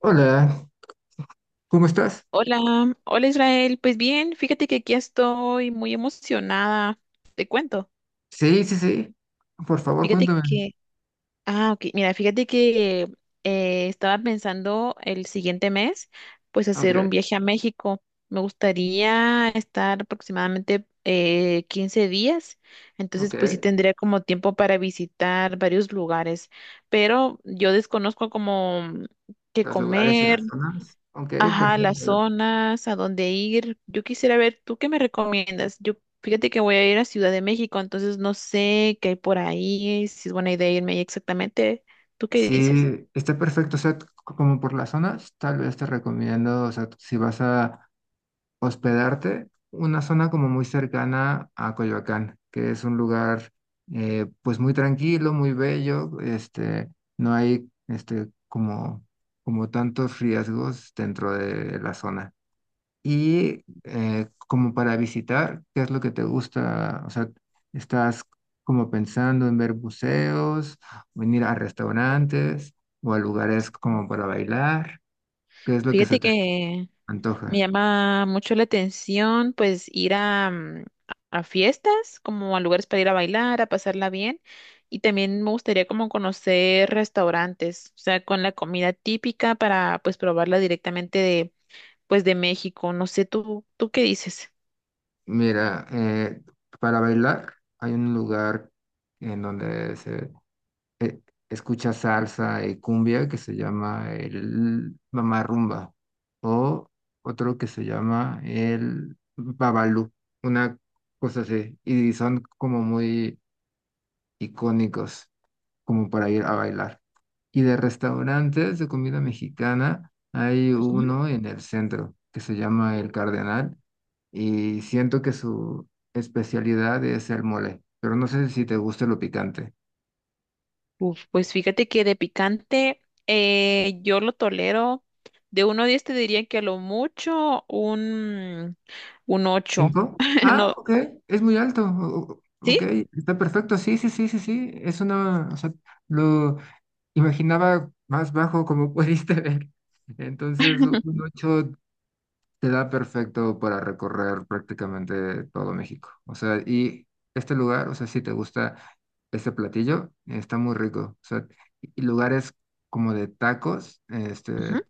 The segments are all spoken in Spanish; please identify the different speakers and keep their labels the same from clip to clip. Speaker 1: Hola, ¿cómo estás?
Speaker 2: Hola, hola Israel. Pues bien, fíjate que aquí estoy muy emocionada. Te cuento.
Speaker 1: Sí, sí, sí. Por favor,
Speaker 2: Fíjate
Speaker 1: cuéntame.
Speaker 2: que, ah, ok, mira, fíjate que estaba pensando el siguiente mes, pues hacer un
Speaker 1: Ok,
Speaker 2: viaje a México. Me gustaría estar aproximadamente 15 días,
Speaker 1: ok.
Speaker 2: entonces pues sí tendría como tiempo para visitar varios lugares, pero yo desconozco como qué
Speaker 1: Los lugares y
Speaker 2: comer.
Speaker 1: las zonas. Ok,
Speaker 2: Ajá, las
Speaker 1: perfecto.
Speaker 2: zonas, a dónde ir. Yo quisiera ver, ¿tú qué me recomiendas? Yo, fíjate que voy a ir a Ciudad de México, entonces no sé qué hay por ahí, si es buena idea irme ahí exactamente. ¿Tú qué dices?
Speaker 1: Sí, está perfecto. O sea, como por las zonas, tal vez te recomiendo, o sea, si vas a hospedarte, una zona como muy cercana a Coyoacán, que es un lugar, pues muy tranquilo, muy bello. Este, no hay, este, como tantos riesgos dentro de la zona. Y como para visitar, ¿qué es lo que te gusta? O sea, ¿estás como pensando en ver buceos, o en ir a restaurantes o a lugares
Speaker 2: Mm.
Speaker 1: como para bailar? ¿Qué es lo que se
Speaker 2: Fíjate
Speaker 1: te
Speaker 2: que me
Speaker 1: antoja?
Speaker 2: llama mucho la atención, pues, ir a fiestas, como a lugares para ir a bailar, a pasarla bien. Y también me gustaría como conocer restaurantes, o sea, con la comida típica para, pues, probarla directamente de pues de México. No sé, ¿tú qué dices?
Speaker 1: Mira, para bailar hay un lugar en donde se eh, escucha salsa y cumbia que se llama el Mamá Rumba o otro que se llama el Babalú, una cosa así, y son como muy icónicos como para ir a bailar. Y de restaurantes de comida mexicana hay
Speaker 2: Ujú.
Speaker 1: uno en el centro que se llama El Cardenal y siento que su especialidad es el mole, pero no sé si te gusta lo picante.
Speaker 2: Uf, pues fíjate que de picante yo lo tolero. De 1 a 10 te diría que a lo mucho un ocho.
Speaker 1: ¿Cinco? Ah,
Speaker 2: No,
Speaker 1: ok, es muy alto.
Speaker 2: ¿sí?
Speaker 1: Ok, está perfecto. Sí, sí, sí, sí, sí. Es una, o sea, lo imaginaba más bajo como pudiste ver. Entonces, un ocho te da perfecto para recorrer prácticamente todo México. O sea, y este lugar, o sea, si te gusta este platillo, está muy rico. O sea, y lugares como de tacos,
Speaker 2: Ujú.
Speaker 1: este,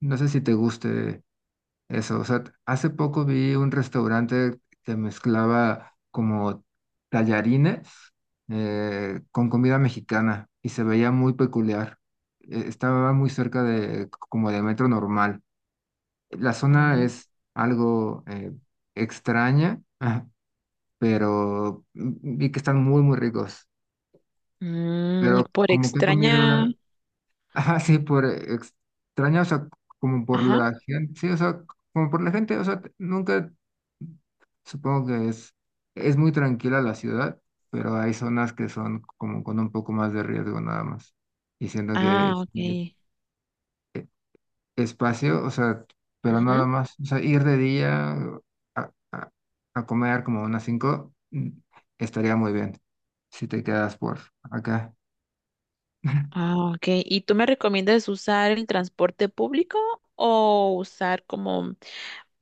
Speaker 1: no sé si te guste eso, o sea, hace poco vi un restaurante que mezclaba como tallarines con comida mexicana y se veía muy peculiar. Estaba muy cerca de como de metro normal. La zona
Speaker 2: Oh.
Speaker 1: es algo extraña, pero vi que están muy, muy ricos.
Speaker 2: Mm, y
Speaker 1: Pero
Speaker 2: por
Speaker 1: como qué
Speaker 2: extraña.
Speaker 1: comida. Ajá, sí, por extraña, o sea, como por
Speaker 2: Ajá.
Speaker 1: la gente, sí, o sea, como por la gente, o sea, nunca, supongo que es muy tranquila la ciudad, pero hay zonas que son como con un poco más de riesgo nada más. Y siento que
Speaker 2: Ah,
Speaker 1: es
Speaker 2: ok.
Speaker 1: espacio, o sea, pero nada
Speaker 2: Ujú.
Speaker 1: más, o sea, ir de día a, a- a comer como unas cinco estaría muy bien si te quedas por acá.
Speaker 2: Ah, ok. ¿Y tú me recomiendas usar el transporte público o usar como...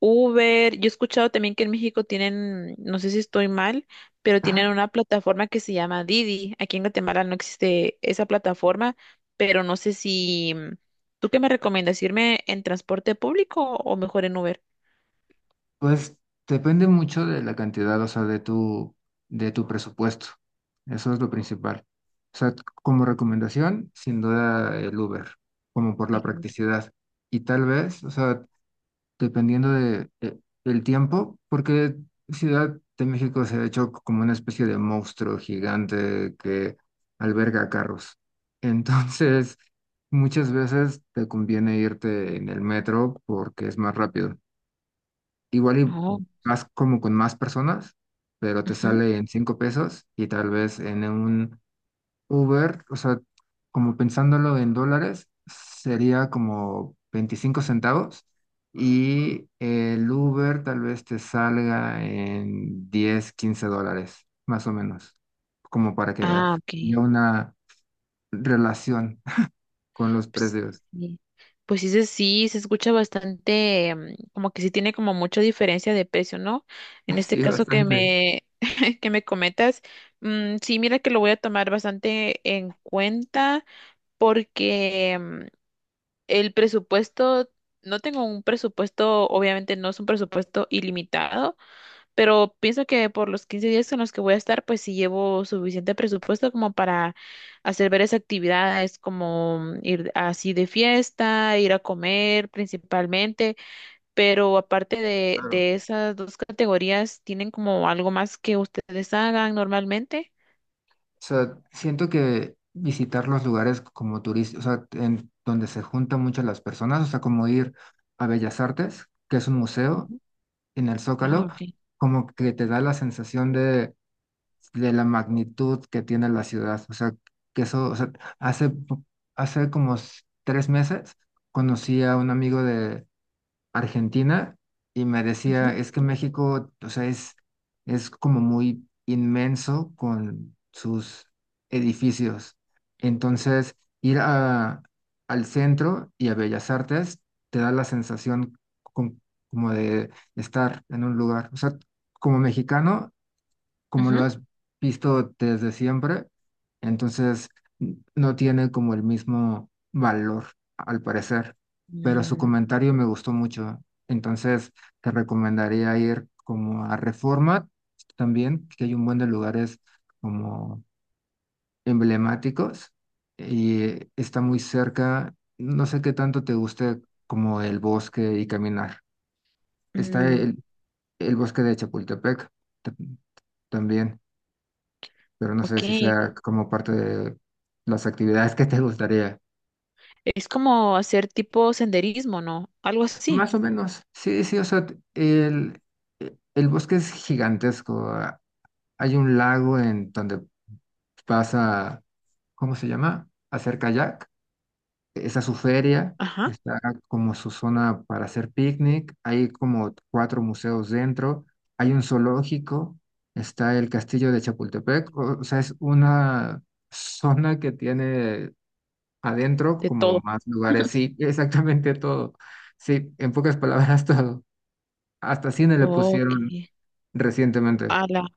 Speaker 2: Uber? Yo he escuchado también que en México tienen, no sé si estoy mal, pero tienen una plataforma que se llama Didi. Aquí en Guatemala no existe esa plataforma, pero no sé si... ¿Tú qué me recomiendas? ¿Irme en transporte público o mejor en Uber?
Speaker 1: Pues depende mucho de la cantidad, o sea, de tu presupuesto. Eso es lo principal. O sea, como recomendación, sin duda el Uber, como por
Speaker 2: En
Speaker 1: la
Speaker 2: Uber.
Speaker 1: practicidad. Y tal vez, o sea, dependiendo de, el tiempo, porque Ciudad de México se ha hecho como una especie de monstruo gigante que alberga carros. Entonces, muchas veces te conviene irte en el metro porque es más rápido. Igual y
Speaker 2: Oh,
Speaker 1: vas como con más personas, pero te
Speaker 2: ujú.
Speaker 1: sale en 5 pesos y tal vez en un Uber, o sea, como pensándolo en dólares, sería como 25 centavos y el Uber tal vez te salga en 10, 15 dólares, más o menos, como para que
Speaker 2: Ah,
Speaker 1: haya
Speaker 2: ok.
Speaker 1: una relación con los
Speaker 2: Pues
Speaker 1: precios.
Speaker 2: sí, pues sí, sí, se escucha bastante, como que sí tiene como mucha diferencia de precio, ¿no? En este
Speaker 1: Sí,
Speaker 2: caso que
Speaker 1: bastante.
Speaker 2: me, que me comentas, sí, mira que lo voy a tomar bastante en cuenta porque el presupuesto, no tengo un presupuesto, obviamente no es un presupuesto ilimitado, pero pienso que por los 15 días en los que voy a estar, pues sí llevo suficiente presupuesto como para hacer varias actividades, como ir así de fiesta, ir a comer principalmente. Pero aparte de,
Speaker 1: Claro.
Speaker 2: de esas dos categorías, ¿tienen como algo más que ustedes hagan normalmente?
Speaker 1: O sea, siento que visitar los lugares como turistas, o sea, en donde se juntan muchas las personas, o sea, como ir a Bellas Artes, que es un museo
Speaker 2: Ujú.
Speaker 1: en el
Speaker 2: Ah,
Speaker 1: Zócalo,
Speaker 2: ok.
Speaker 1: como que te da la sensación de la magnitud que tiene la ciudad. O sea, que eso, o sea, hace, po- hace como 3 meses conocí a un amigo de Argentina y me decía,
Speaker 2: Ujú,
Speaker 1: es que México, o sea, es como muy inmenso con sus edificios. Entonces, ir al centro y a Bellas Artes te da la sensación con- como de estar en un lugar. O sea, como mexicano, como lo
Speaker 2: Ujú.
Speaker 1: has visto desde siempre, entonces no tiene como el mismo valor, al parecer, pero su
Speaker 2: Mm,
Speaker 1: comentario me gustó mucho, entonces te recomendaría ir como a Reforma también, que hay un buen de lugares como emblemáticos y está muy cerca, no sé qué tanto te guste como el bosque y caminar. Está
Speaker 2: mm,
Speaker 1: el bosque de Chapultepec ta- también. Pero no sé si
Speaker 2: ok.
Speaker 1: sea como parte de las actividades que te gustaría.
Speaker 2: Es como hacer tipo senderismo, ¿no? Algo así.
Speaker 1: Más o menos, sí, sí, o sea, el bosque es gigantesco. Hay un lago en donde pasa, ¿cómo se llama? Hacer kayak. Esa es su feria,
Speaker 2: Ajá.
Speaker 1: está como su zona para hacer picnic. Hay como cuatro museos dentro. Hay un zoológico, está el castillo de Chapultepec. O sea, es una zona que tiene adentro,
Speaker 2: De
Speaker 1: como
Speaker 2: todo.
Speaker 1: más lugares. Sí, exactamente todo. Sí, en pocas palabras todo. Hasta cine le
Speaker 2: Ok.
Speaker 1: pusieron recientemente.
Speaker 2: Ala.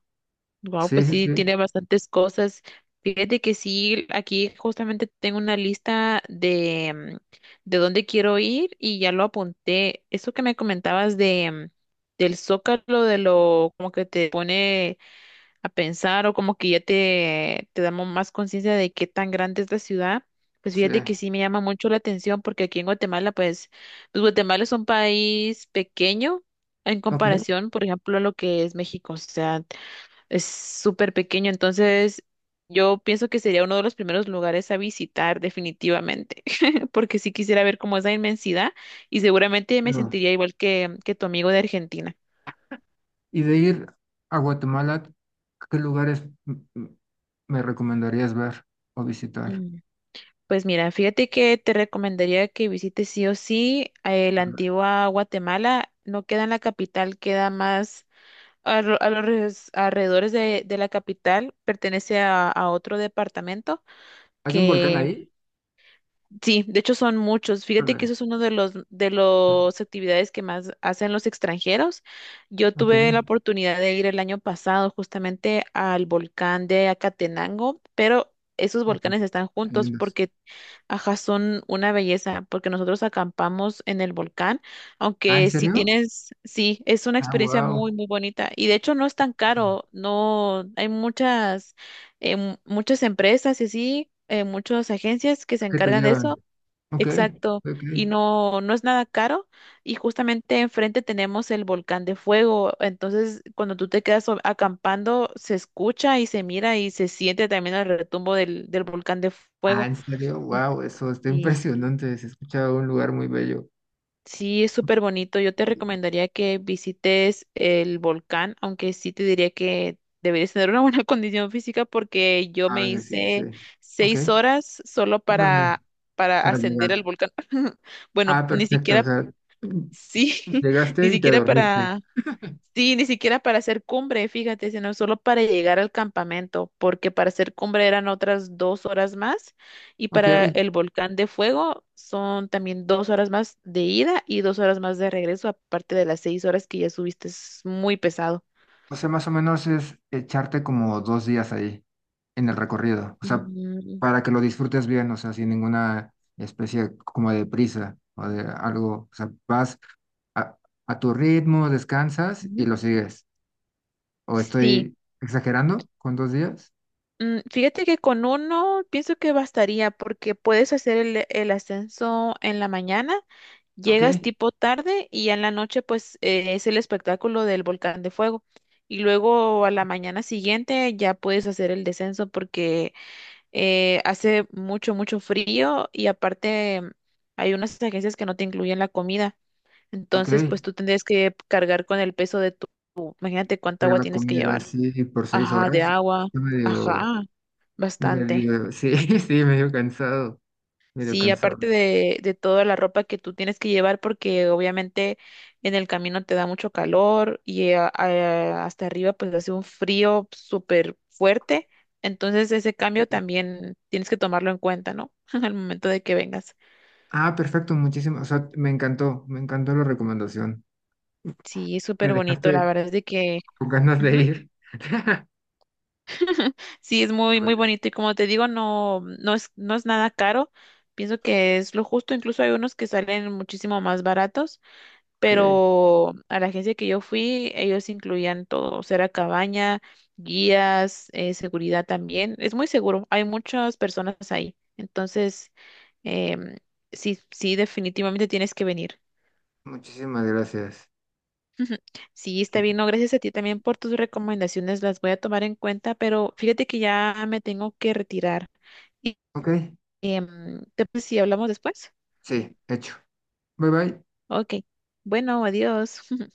Speaker 2: Wow,
Speaker 1: Sí,
Speaker 2: pues
Speaker 1: sí,
Speaker 2: sí,
Speaker 1: sí.
Speaker 2: tiene bastantes cosas. Fíjate que sí, aquí justamente tengo una lista de, de dónde quiero ir y ya lo apunté. Eso que me comentabas de, del Zócalo, de lo como que te pone a pensar o como que ya te damos más conciencia de qué tan grande es la ciudad, pues
Speaker 1: Sí.
Speaker 2: fíjate que sí me llama mucho la atención porque aquí en Guatemala, pues, pues Guatemala es un país pequeño en
Speaker 1: Ok.
Speaker 2: comparación, por ejemplo, a lo que es México, o sea, es súper pequeño, entonces yo pienso que sería uno de los primeros lugares a visitar definitivamente, porque sí quisiera ver como esa inmensidad y seguramente me
Speaker 1: Pero,
Speaker 2: sentiría igual que tu amigo de Argentina.
Speaker 1: y de ir a Guatemala, ¿qué lugares me recomendarías ver o visitar?
Speaker 2: Pues mira, fíjate que te recomendaría que visites sí o sí la antigua Guatemala. No queda en la capital, queda más a, a los alrededores de la capital. Pertenece a otro departamento.
Speaker 1: ¿Hay un volcán ahí?
Speaker 2: Sí, de hecho son muchos. Fíjate que
Speaker 1: Híjole.
Speaker 2: eso es uno de los de las actividades que más hacen los extranjeros. Yo
Speaker 1: Ok.
Speaker 2: tuve la oportunidad de ir el año pasado justamente al volcán de Acatenango, pero esos
Speaker 1: Ajá,
Speaker 2: volcanes están
Speaker 1: qué
Speaker 2: juntos
Speaker 1: lindos.
Speaker 2: porque, ajá, son una belleza, porque nosotros acampamos en el volcán,
Speaker 1: Ah, ¿en
Speaker 2: aunque si
Speaker 1: serio?
Speaker 2: tienes, sí, es una
Speaker 1: Ah,
Speaker 2: experiencia muy,
Speaker 1: wow.
Speaker 2: muy bonita. Y de hecho no es tan caro, no, hay muchas, muchas empresas y así. Muchas agencias que se
Speaker 1: ¿Qué te
Speaker 2: encargan de
Speaker 1: llevan?
Speaker 2: eso.
Speaker 1: Ok,
Speaker 2: Exacto,
Speaker 1: ok.
Speaker 2: y no, no es nada caro y justamente enfrente tenemos el volcán de fuego, entonces cuando tú te quedas acampando se escucha y se mira y se siente también el retumbo del volcán de
Speaker 1: Ah,
Speaker 2: fuego.
Speaker 1: ¿en serio? Wow, eso está
Speaker 2: Y
Speaker 1: impresionante. Se escucha un lugar muy bello.
Speaker 2: sí, es súper bonito, yo te recomendaría que visites el volcán, aunque sí te diría que deberías tener una buena condición física porque yo
Speaker 1: Ah,
Speaker 2: me
Speaker 1: venga, sí, sí,
Speaker 2: hice
Speaker 1: sí. Ok,
Speaker 2: 6 horas solo
Speaker 1: órale,
Speaker 2: para
Speaker 1: para
Speaker 2: ascender al
Speaker 1: llegar.
Speaker 2: volcán. Bueno,
Speaker 1: Ah,
Speaker 2: ni
Speaker 1: perfecto. O
Speaker 2: siquiera.
Speaker 1: sea,
Speaker 2: Sí, ni
Speaker 1: llegaste y te
Speaker 2: siquiera
Speaker 1: dormiste.
Speaker 2: para, sí, ni siquiera para hacer cumbre, fíjate, sino solo para llegar al campamento, porque para hacer cumbre eran otras 2 horas más y
Speaker 1: Ok,
Speaker 2: para el volcán de fuego son también 2 horas más de ida y 2 horas más de regreso, aparte de las 6 horas que ya subiste, es muy pesado.
Speaker 1: o sea, más o menos es echarte como 2 días ahí en el recorrido. O sea,
Speaker 2: Mm,
Speaker 1: para que lo disfrutes bien, o sea, sin ninguna especie como de prisa o de algo. O sea, vas a, a tu ritmo, descansas y
Speaker 2: ujú.
Speaker 1: lo sigues. ¿O
Speaker 2: Sí,
Speaker 1: estoy exagerando con 2 días?
Speaker 2: Fíjate que con uno pienso que bastaría porque puedes hacer el ascenso en la mañana, llegas
Speaker 1: Ok,
Speaker 2: tipo tarde y ya en la noche pues es el espectáculo del volcán de fuego. Y luego a la mañana siguiente ya puedes hacer el descenso porque hace mucho, mucho frío y aparte hay unas agencias que no te incluyen la comida.
Speaker 1: ok.
Speaker 2: Entonces pues tú tendrías que cargar con el peso de tu, imagínate cuánta
Speaker 1: Pero
Speaker 2: agua
Speaker 1: la
Speaker 2: tienes que
Speaker 1: comida
Speaker 2: llevar.
Speaker 1: así por seis
Speaker 2: Ajá, de
Speaker 1: horas,
Speaker 2: agua.
Speaker 1: yo medio,
Speaker 2: Ajá, bastante.
Speaker 1: medio, sí, sí, medio cansado, medio
Speaker 2: Sí,
Speaker 1: cansado.
Speaker 2: aparte de toda la ropa que tú tienes que llevar, porque obviamente en el camino te da mucho calor y hasta arriba pues hace un frío súper fuerte. Entonces ese cambio
Speaker 1: Eh,
Speaker 2: también tienes que tomarlo en cuenta, ¿no? Al momento de que vengas.
Speaker 1: Ah, perfecto, muchísimo. O sea, me encantó la recomendación.
Speaker 2: Sí, es
Speaker 1: Me
Speaker 2: súper bonito, la
Speaker 1: dejaste
Speaker 2: verdad es de que...
Speaker 1: con ganas de
Speaker 2: Ujú.
Speaker 1: ir.
Speaker 2: Sí, es muy, muy bonito y como te digo, no, no es nada caro. Pienso que es lo justo, incluso hay unos que salen muchísimo más baratos.
Speaker 1: Ok,
Speaker 2: Pero a la agencia que yo fui, ellos incluían todo, o sea, era cabaña, guías, seguridad también. Es muy seguro, hay muchas personas ahí. Entonces, em, sí, sí, definitivamente tienes que venir.
Speaker 1: muchísimas gracias.
Speaker 2: Ujú. Sí,
Speaker 1: Sí.
Speaker 2: está bien, no, gracias a ti también por tus recomendaciones, las voy a tomar en cuenta, pero fíjate que ya me tengo que retirar. Y,
Speaker 1: Ok,
Speaker 2: em, ¿te parece si hablamos después?
Speaker 1: sí, hecho. Bye bye.
Speaker 2: Ok, bueno, adiós.